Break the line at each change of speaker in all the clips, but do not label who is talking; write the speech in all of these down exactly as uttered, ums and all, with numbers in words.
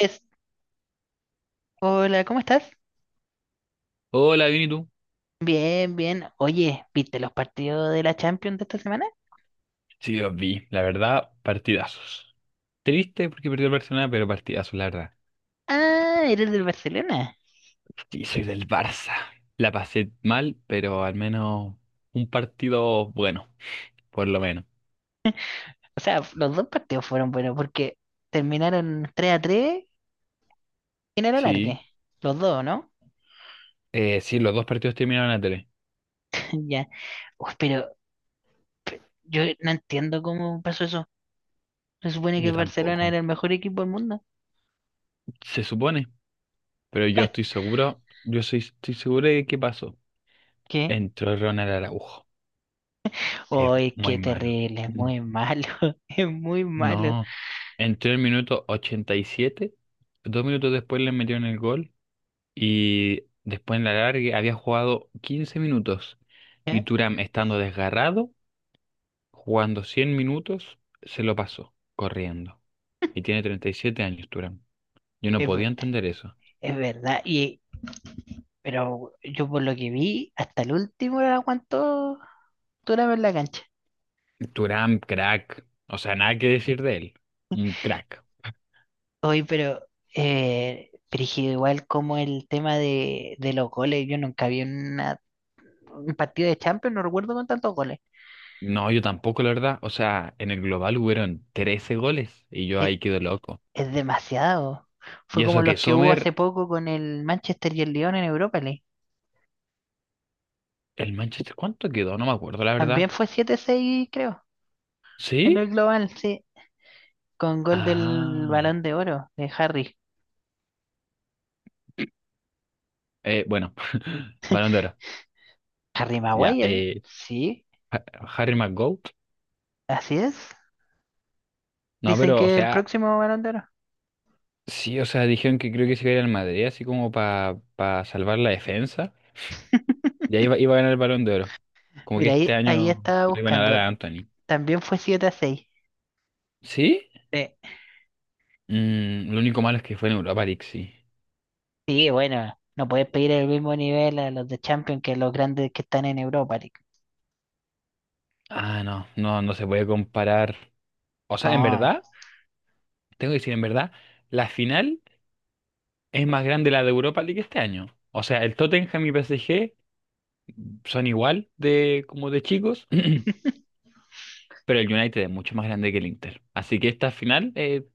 Andrés, hola, ¿cómo estás?
Hola, bien, ¿y tú?
Bien, bien. Oye, ¿viste los partidos de la Champions de esta semana?
Sí, los vi, la verdad, partidazos. Triste porque perdió el Barcelona, pero partidazos, la verdad.
Ah, eres del Barcelona.
Sí, soy del Barça. La pasé mal, pero al menos un partido bueno, por lo menos.
O sea, f- los dos partidos fueron buenos porque terminaron tres a tres en el
Sí,
alargue. Los dos, ¿no?
eh, sí, los dos partidos terminaron a tres.
Ya. Uf, pero yo no entiendo cómo pasó eso. Se supone que
Yo
el Barcelona
tampoco,
era el mejor equipo del mundo.
se supone, pero yo estoy seguro, yo soy, estoy seguro de qué pasó.
¿Qué?
Entró Ronald Araujo, es
Uy,
muy
qué
malo.
terrible, es
Mm.
muy malo. Es muy malo.
No, entró en el minuto ochenta y siete, dos minutos después le metieron el gol. Y después en la larga había jugado quince minutos. Y
¿Eh?
Turam, estando desgarrado, jugando cien minutos, se lo pasó, corriendo. Y tiene treinta y siete años, Turam. Yo no
Es, ve-
podía entender eso.
es verdad. Y, Pero yo por lo que vi, hasta el último la aguantó Turabo en la cancha.
Turam, crack. O sea, nada que decir de él. Un crack.
Oye, pero, eh, brígido, igual como el tema de, de los goles, yo nunca vi una- un partido de Champions, no recuerdo con tantos goles.
No, yo tampoco, la verdad. O sea, en el global hubieron trece goles y yo
Es,
ahí quedo loco.
es demasiado. Fue
Y eso
como
que
los que hubo
Sommer,
hace poco con el Manchester y el Lyon en Europa League.
el Manchester, ¿cuánto quedó? No me acuerdo, la
También
verdad.
fue siete seis creo, en el
¿Sí?
global, sí, con gol del
Ah.
Balón de Oro de Harry.
Eh, bueno, Balón de Oro.
Harry
Ya,
Maguire,
eh,
sí,
Ha- Harry McGoat.
así es.
No,
Dicen
pero, o
que el
sea,
próximo Balón de Oro.
sí, o sea, dijeron que creo que se iba a ir al Madrid, así como para salvar la defensa. Y ahí iba, iba a ganar el Balón de Oro. Como que
Mira,
este
ahí, ahí
año
estaba
le iban a dar
buscando.
a Anthony.
También fue siete a seis.
¿Sí?
Sí,
Mm, lo único malo es que fue en Europa League, sí.
sí, bueno, no puedes pedir el mismo nivel a los de Champions que a los grandes que están en Europa League.
Ah, no, no, no se puede comparar. O sea, en
No,
verdad, tengo que decir, en verdad, la final es más grande la de Europa League este año. O sea, el Tottenham y P S G son igual de como de chicos. Pero el United es mucho más grande que el Inter. Así que esta final, eh,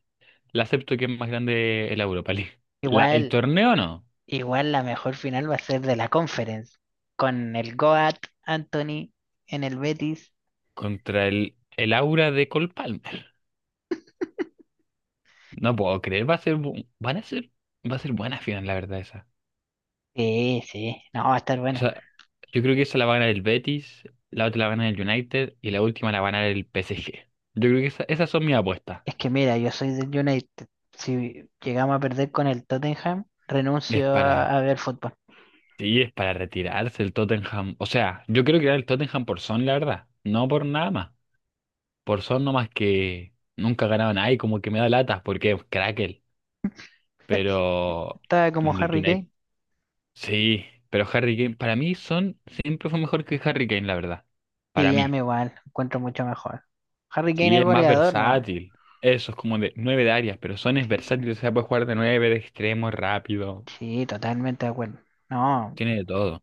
la acepto que es más grande el Europa League. La, el
igual,
torneo no.
igual la mejor final va a ser de la Conference. Con el Goat Anthony en el Betis.
Contra el, el Aura de Cole Palmer. No puedo creer. Va a ser, bu- van a ser, va a ser buena final, la verdad, esa.
Sí, sí, no, va a estar
O
bueno.
sea, yo creo que esa la va a ganar el Betis, la otra la va a ganar el United y la última la va a ganar el P S G. Yo creo que esa- esas son mis apuestas.
Es que mira, yo soy del United. Si llegamos a perder con el Tottenham,
Es
renuncio
para,
a, a ver fútbol.
sí, es para retirarse el Tottenham. O sea, yo creo que era el Tottenham por Son, la verdad. No por nada más. Por son nomás que nunca ganaban ahí, como que me da latas porque es Crackle, pero
Estaba como
en el
Harry
United,
Kane.
sí, pero Harry Kane para mí son siempre fue mejor que Harry Kane, la verdad. Para
Sí, a
mí.
mí igual, encuentro mucho mejor. Harry Kane
Y
es
es más
goleador, ¿no?
versátil. Eso es como de nueve de áreas, pero son es
Sí,
versátil, o sea, puede jugar de nueve, de extremo, rápido,
sí, totalmente de acuerdo. No,
tiene de todo.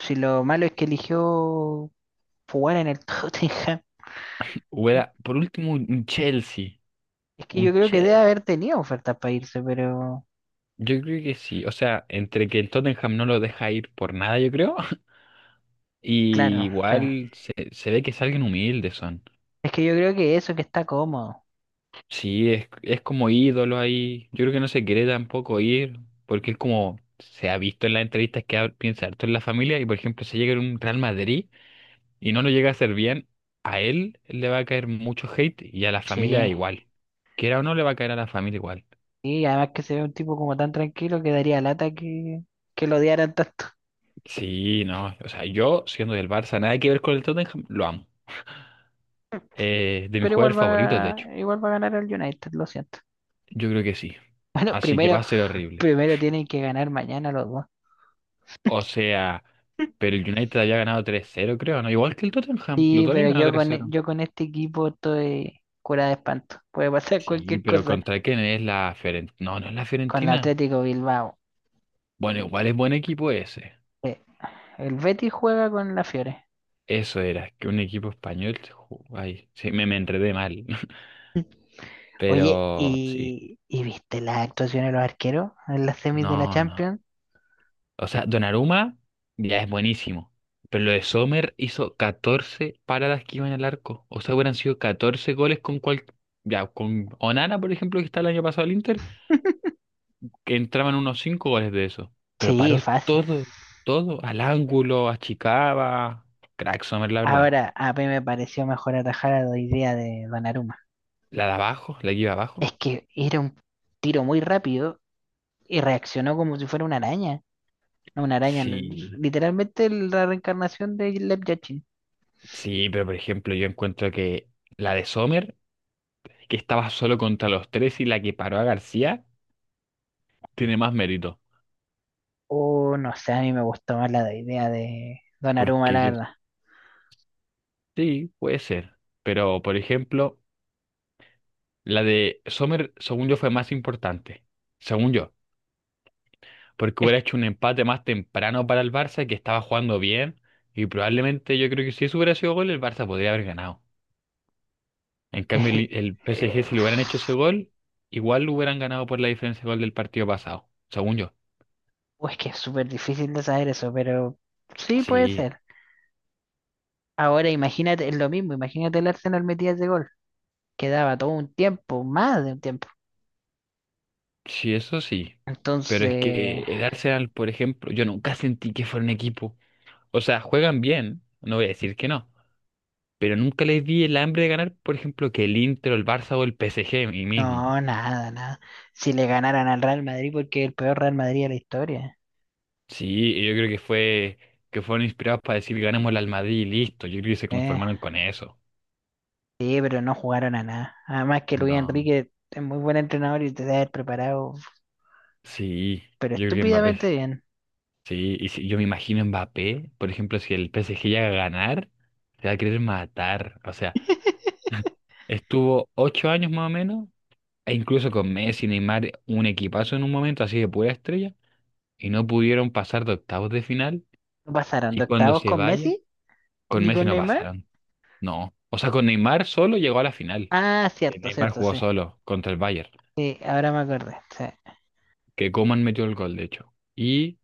si lo malo es que eligió jugar en el Tottenham.
Hubiera, por último, un un Chelsea,
Es que yo
un
creo que debe
Chelsea.
haber tenido ofertas para irse, pero
Yo creo que sí, o sea, entre que el Tottenham no lo deja ir por nada, yo creo. Y
claro, sí.
igual se, se ve que es alguien humilde, son.
Es que yo creo que eso que está cómodo.
Sí, es, es como ídolo ahí. Yo creo que no se quiere tampoco ir, porque es como se ha visto en las entrevistas que ha- piensa harto en la familia. Y por ejemplo, si llega en un Real Madrid y no lo llega a hacer bien, a él le va a caer mucho hate y a la familia
Sí.
igual. Quiera o no, le va a caer a la familia igual.
Y además que se ve un tipo como tan tranquilo que daría lata que, que lo odiaran tanto.
Sí, no. O sea, yo siendo del Barça, nada que ver con el Tottenham, lo amo. Eh, de mis
Pero
jugadores
igual
favoritos, de
va,
hecho.
igual va a ganar el United, lo siento.
Yo creo que sí.
Bueno,
Así que va
primero,
a ser horrible.
primero tienen que ganar mañana los dos.
O sea, pero el United había ganado tres cero creo, ¿no? Igual que el Tottenham, lo
Sí, pero
también ganó
yo
tres
con, e-
cero
yo con este equipo estoy cura de espanto. Puede pasar
Sí,
cualquier
pero
cosa.
¿contra quién es la Fiorentina? No, no es la
Con el
Fiorentina.
Atlético Bilbao.
Bueno, igual es buen equipo ese.
eh, El Betis juega con la Fiore.
Eso era, que un equipo español. Se Ay, sí, me, me enredé mal.
Oye,
Pero sí,
¿y, y viste las actuaciones de los arqueros en las semis de la
no, no.
Champions?
O sea, Donnarumma ya es buenísimo. Pero lo de Sommer hizo catorce paradas que iban al arco. O sea, hubieran sido catorce goles con cual. Ya, con Onana, por ejemplo, que está el año pasado al Inter. Que entraban unos cinco goles de eso. Pero
Sí,
paró
fácil.
todo, todo, al ángulo, achicaba. Crack Sommer, la verdad.
Ahora, a mí me pareció mejor atajar a la idea de Donnarumma.
La de abajo, la que iba abajo.
Es que era un tiro muy rápido y reaccionó como si fuera una araña. No, una araña, no,
Sí,
literalmente la reencarnación de Lev Yachty.
sí, pero por ejemplo, yo encuentro que la de Sommer, que estaba solo contra los tres y la que paró a García, tiene más mérito.
Oh, no sé, a mí me gustó más la idea de Donnarumma,
Porque
la
yo,
verdad.
sí, puede ser. Pero por ejemplo, la de Sommer, según yo, fue más importante. Según yo. Porque
Es,
hubiera hecho un empate más temprano para el Barça, que estaba jugando bien, y probablemente yo creo que si eso hubiera sido gol, el Barça podría haber ganado. En cambio,
es-
el, el
eh,
P S G, si le hubieran hecho ese gol, igual lo hubieran ganado por la diferencia de gol del partido pasado, según yo.
pues que es súper difícil de saber eso, pero sí puede
Sí,
ser. Ahora imagínate, es lo mismo, imagínate el Arsenal metía ese gol, que daba todo un tiempo, más de un tiempo.
sí, eso sí. Pero es
Entonces,
que el Arsenal, por ejemplo, yo nunca sentí que fuera un equipo. O sea, juegan bien, no voy a decir que no, pero nunca les vi el hambre de ganar, por ejemplo, que el Inter o el Barça o el P S G mí mismo.
no, nada, nada. Si le ganaran al Real Madrid, porque es el peor Real Madrid de la historia.
Sí, y yo creo que fue que fueron inspirados para decir ganemos el al Madrid y listo. Yo creo que se
Eh,
conformaron con eso.
sí, pero no jugaron a nada. Además que Luis
No.
Enrique es muy buen entrenador y te debe haber preparado,
Sí,
pero
yo creo que Mbappé.
estúpidamente bien.
Sí, y si yo me imagino Mbappé, por ejemplo, si el P S G llega a ganar, se va a querer matar. O sea, estuvo ocho años más o menos, e incluso con Messi, Neymar, un equipazo en un momento así de pura estrella, y no pudieron pasar de octavos de final.
¿No pasaron
Y
de
cuando
octavos
se
con
vaya,
Messi
con
ni
Messi
con
no
Neymar?
pasaron. No. O sea, con Neymar solo llegó a la final.
Ah,
Que
cierto,
Neymar
cierto,
jugó
sí.
solo contra el Bayern,
Sí, ahora me acordé. Sí.
que Coman metió el gol, de hecho. Y,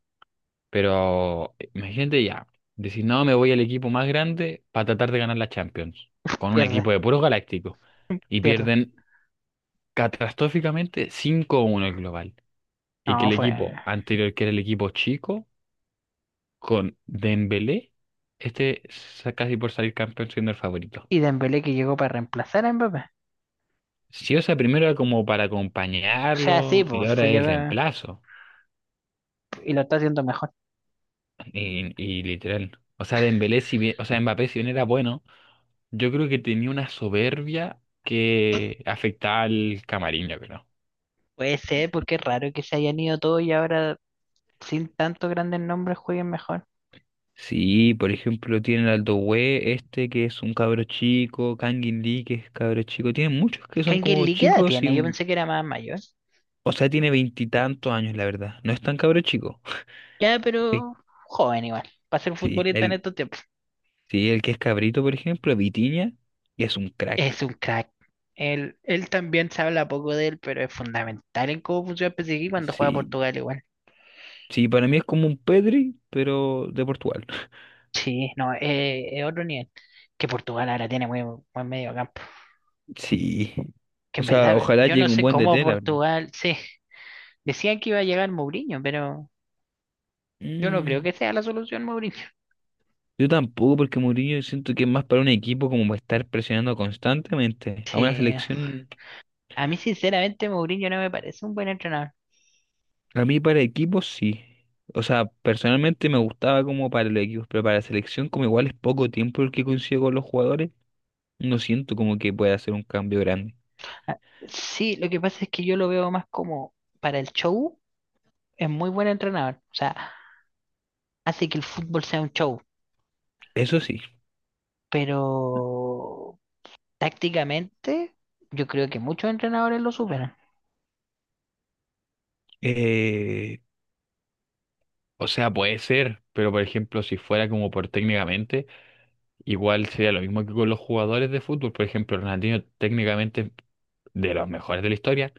Pero, imagínate ya, decir, no, me voy al equipo más grande para tratar de ganar la Champions, con un equipo
Pierde,
de puros galácticos, y
pierde.
pierden catastróficamente cinco a uno el global. Y que
No,
el
fue.
equipo anterior, que era el equipo chico, con Dembélé, este sa- casi por salir campeón siendo el favorito.
Y Dembélé que llegó para reemplazar a Mbappé.
Si o sea, primero era como para
O sea, sí,
acompañarlo, y
pues fue
ahora es el
llegó
reemplazo.
y lo está haciendo mejor.
Y, y literal. O sea, Dembélé, si bien, o sea, Mbappé, si bien era bueno, yo creo que tenía una soberbia que afectaba al camarín, yo creo.
Puede ser, porque es raro que se hayan ido todos y ahora sin tantos grandes nombres jueguen mejor.
Sí, por ejemplo, tienen al Doué, este que es un cabro chico, Kangin Lee que es cabro chico. Tienen muchos que son como
¿Kangin qué edad
chicos y
tiene? Yo
un.
pensé que era más mayor.
O sea, tiene veintitantos años, la verdad. No es tan cabro chico.
Ya,
El-
pero joven igual. Para ser
sí,
futbolista en
el,
estos tiempos.
sí, el que es cabrito, por ejemplo, Vitinha, que es un crack.
Es un crack. Él, él también se habla poco de él, pero es fundamental en cómo funciona el P S G cuando juega
Sí,
Portugal igual.
sí, para mí es como un Pedri, pero de Portugal.
Sí, no, eh, es otro nivel. Que Portugal ahora tiene muy buen medio campo.
Sí.
Que
O
en
sea,
verdad,
ojalá
yo
llegue
no
un
sé
buen
cómo
D T, la verdad.
Portugal. Sí, decían que iba a llegar Mourinho, pero yo no creo
Mm,
que sea la solución Mourinho.
Yo tampoco, porque Mourinho siento que es más para un equipo como para estar presionando constantemente. A una
Sí,
selección,
a mí sinceramente Mourinho no me parece un buen entrenador.
a mí para equipos sí. O sea, personalmente me gustaba como para los equipos, pero para la selección como igual es poco tiempo el que consigo con los jugadores, no siento como que pueda hacer un cambio grande.
Sí, lo que pasa es que yo lo veo más como para el show, es muy buen entrenador. O sea, hace que el fútbol sea un show,
Eso sí.
pero tácticamente yo creo que muchos entrenadores lo superan.
Eh, o sea, puede ser, pero por ejemplo, si fuera como por técnicamente. Igual sería lo mismo que con los jugadores de fútbol. Por ejemplo, Ronaldinho técnicamente es de los mejores de la historia,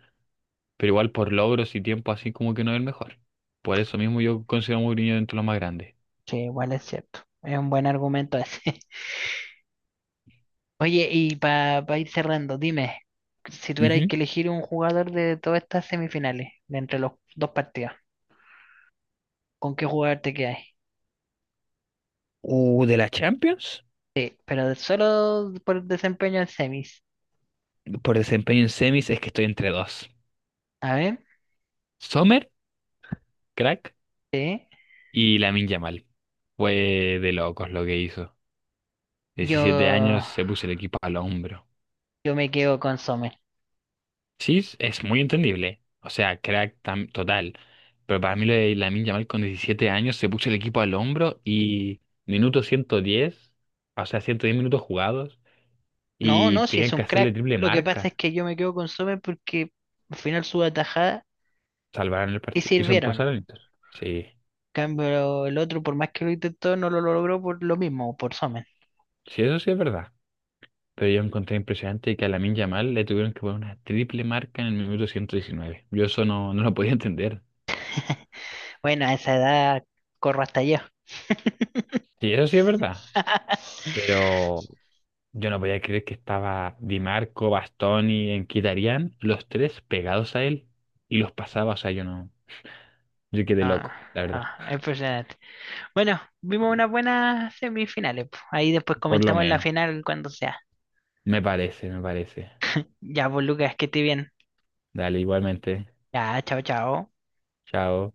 pero igual por logros y tiempo así como que no es el mejor. Por eso mismo yo considero a Mourinho dentro de los más grandes.
Sí, igual es cierto. Es un buen argumento ese. Oye, y para ir cerrando, dime, si tuvierais
Ujú.
que elegir un jugador de todas estas semifinales, de entre los dos partidos, ¿con qué jugador te quedáis?
Uh, de la Champions,
Sí, pero de- solo por desempeño en semis.
por desempeño en semis es que estoy entre dos.
A ver,
Sommer, crack,
sí.
y Lamine Yamal. Fue de locos lo que hizo.
Yo,
Diecisiete años se puso el equipo al hombro.
yo me quedo con Sommer.
Sí, es es muy entendible. O sea, crack tam- total. Pero para mí lo de Lamine Yamal con diecisiete años se puso el equipo al hombro y minuto ciento diez, o sea, ciento diez minutos jugados
No,
y
no, si
tenían
es un
que hacerle
crack.
triple
Lo que pasa es
marca.
que yo me quedo con Sommer porque al final sus atajadas
Salvaron el
sí
partido. Hizo
sirvieron.
pasar al Inter. Sí,
Cambio el otro, por más que lo intentó, no lo logró por lo mismo, por Somen.
sí, eso sí es verdad. Pero yo encontré impresionante que a Lamine Yamal le tuvieron que poner una triple marca en el minuto ciento diecinueve. Yo eso no, no lo podía entender.
Bueno, a esa edad corro hasta yo.
Sí, eso sí es verdad. Pero yo no podía creer que estaba Di Marco, Bastoni, Enquitarián, los tres pegados a él y los pasaba, o sea, yo no, yo quedé
Ah,
loco, la verdad,
ah, impresionante. Bueno, vimos unas buenas semifinales po. Ahí después
por lo
comentamos la
menos,
final cuando sea.
me parece, me parece.
Ya, pues Lucas, que esté bien.
Dale, igualmente,
Ya, chao, chao.
chao.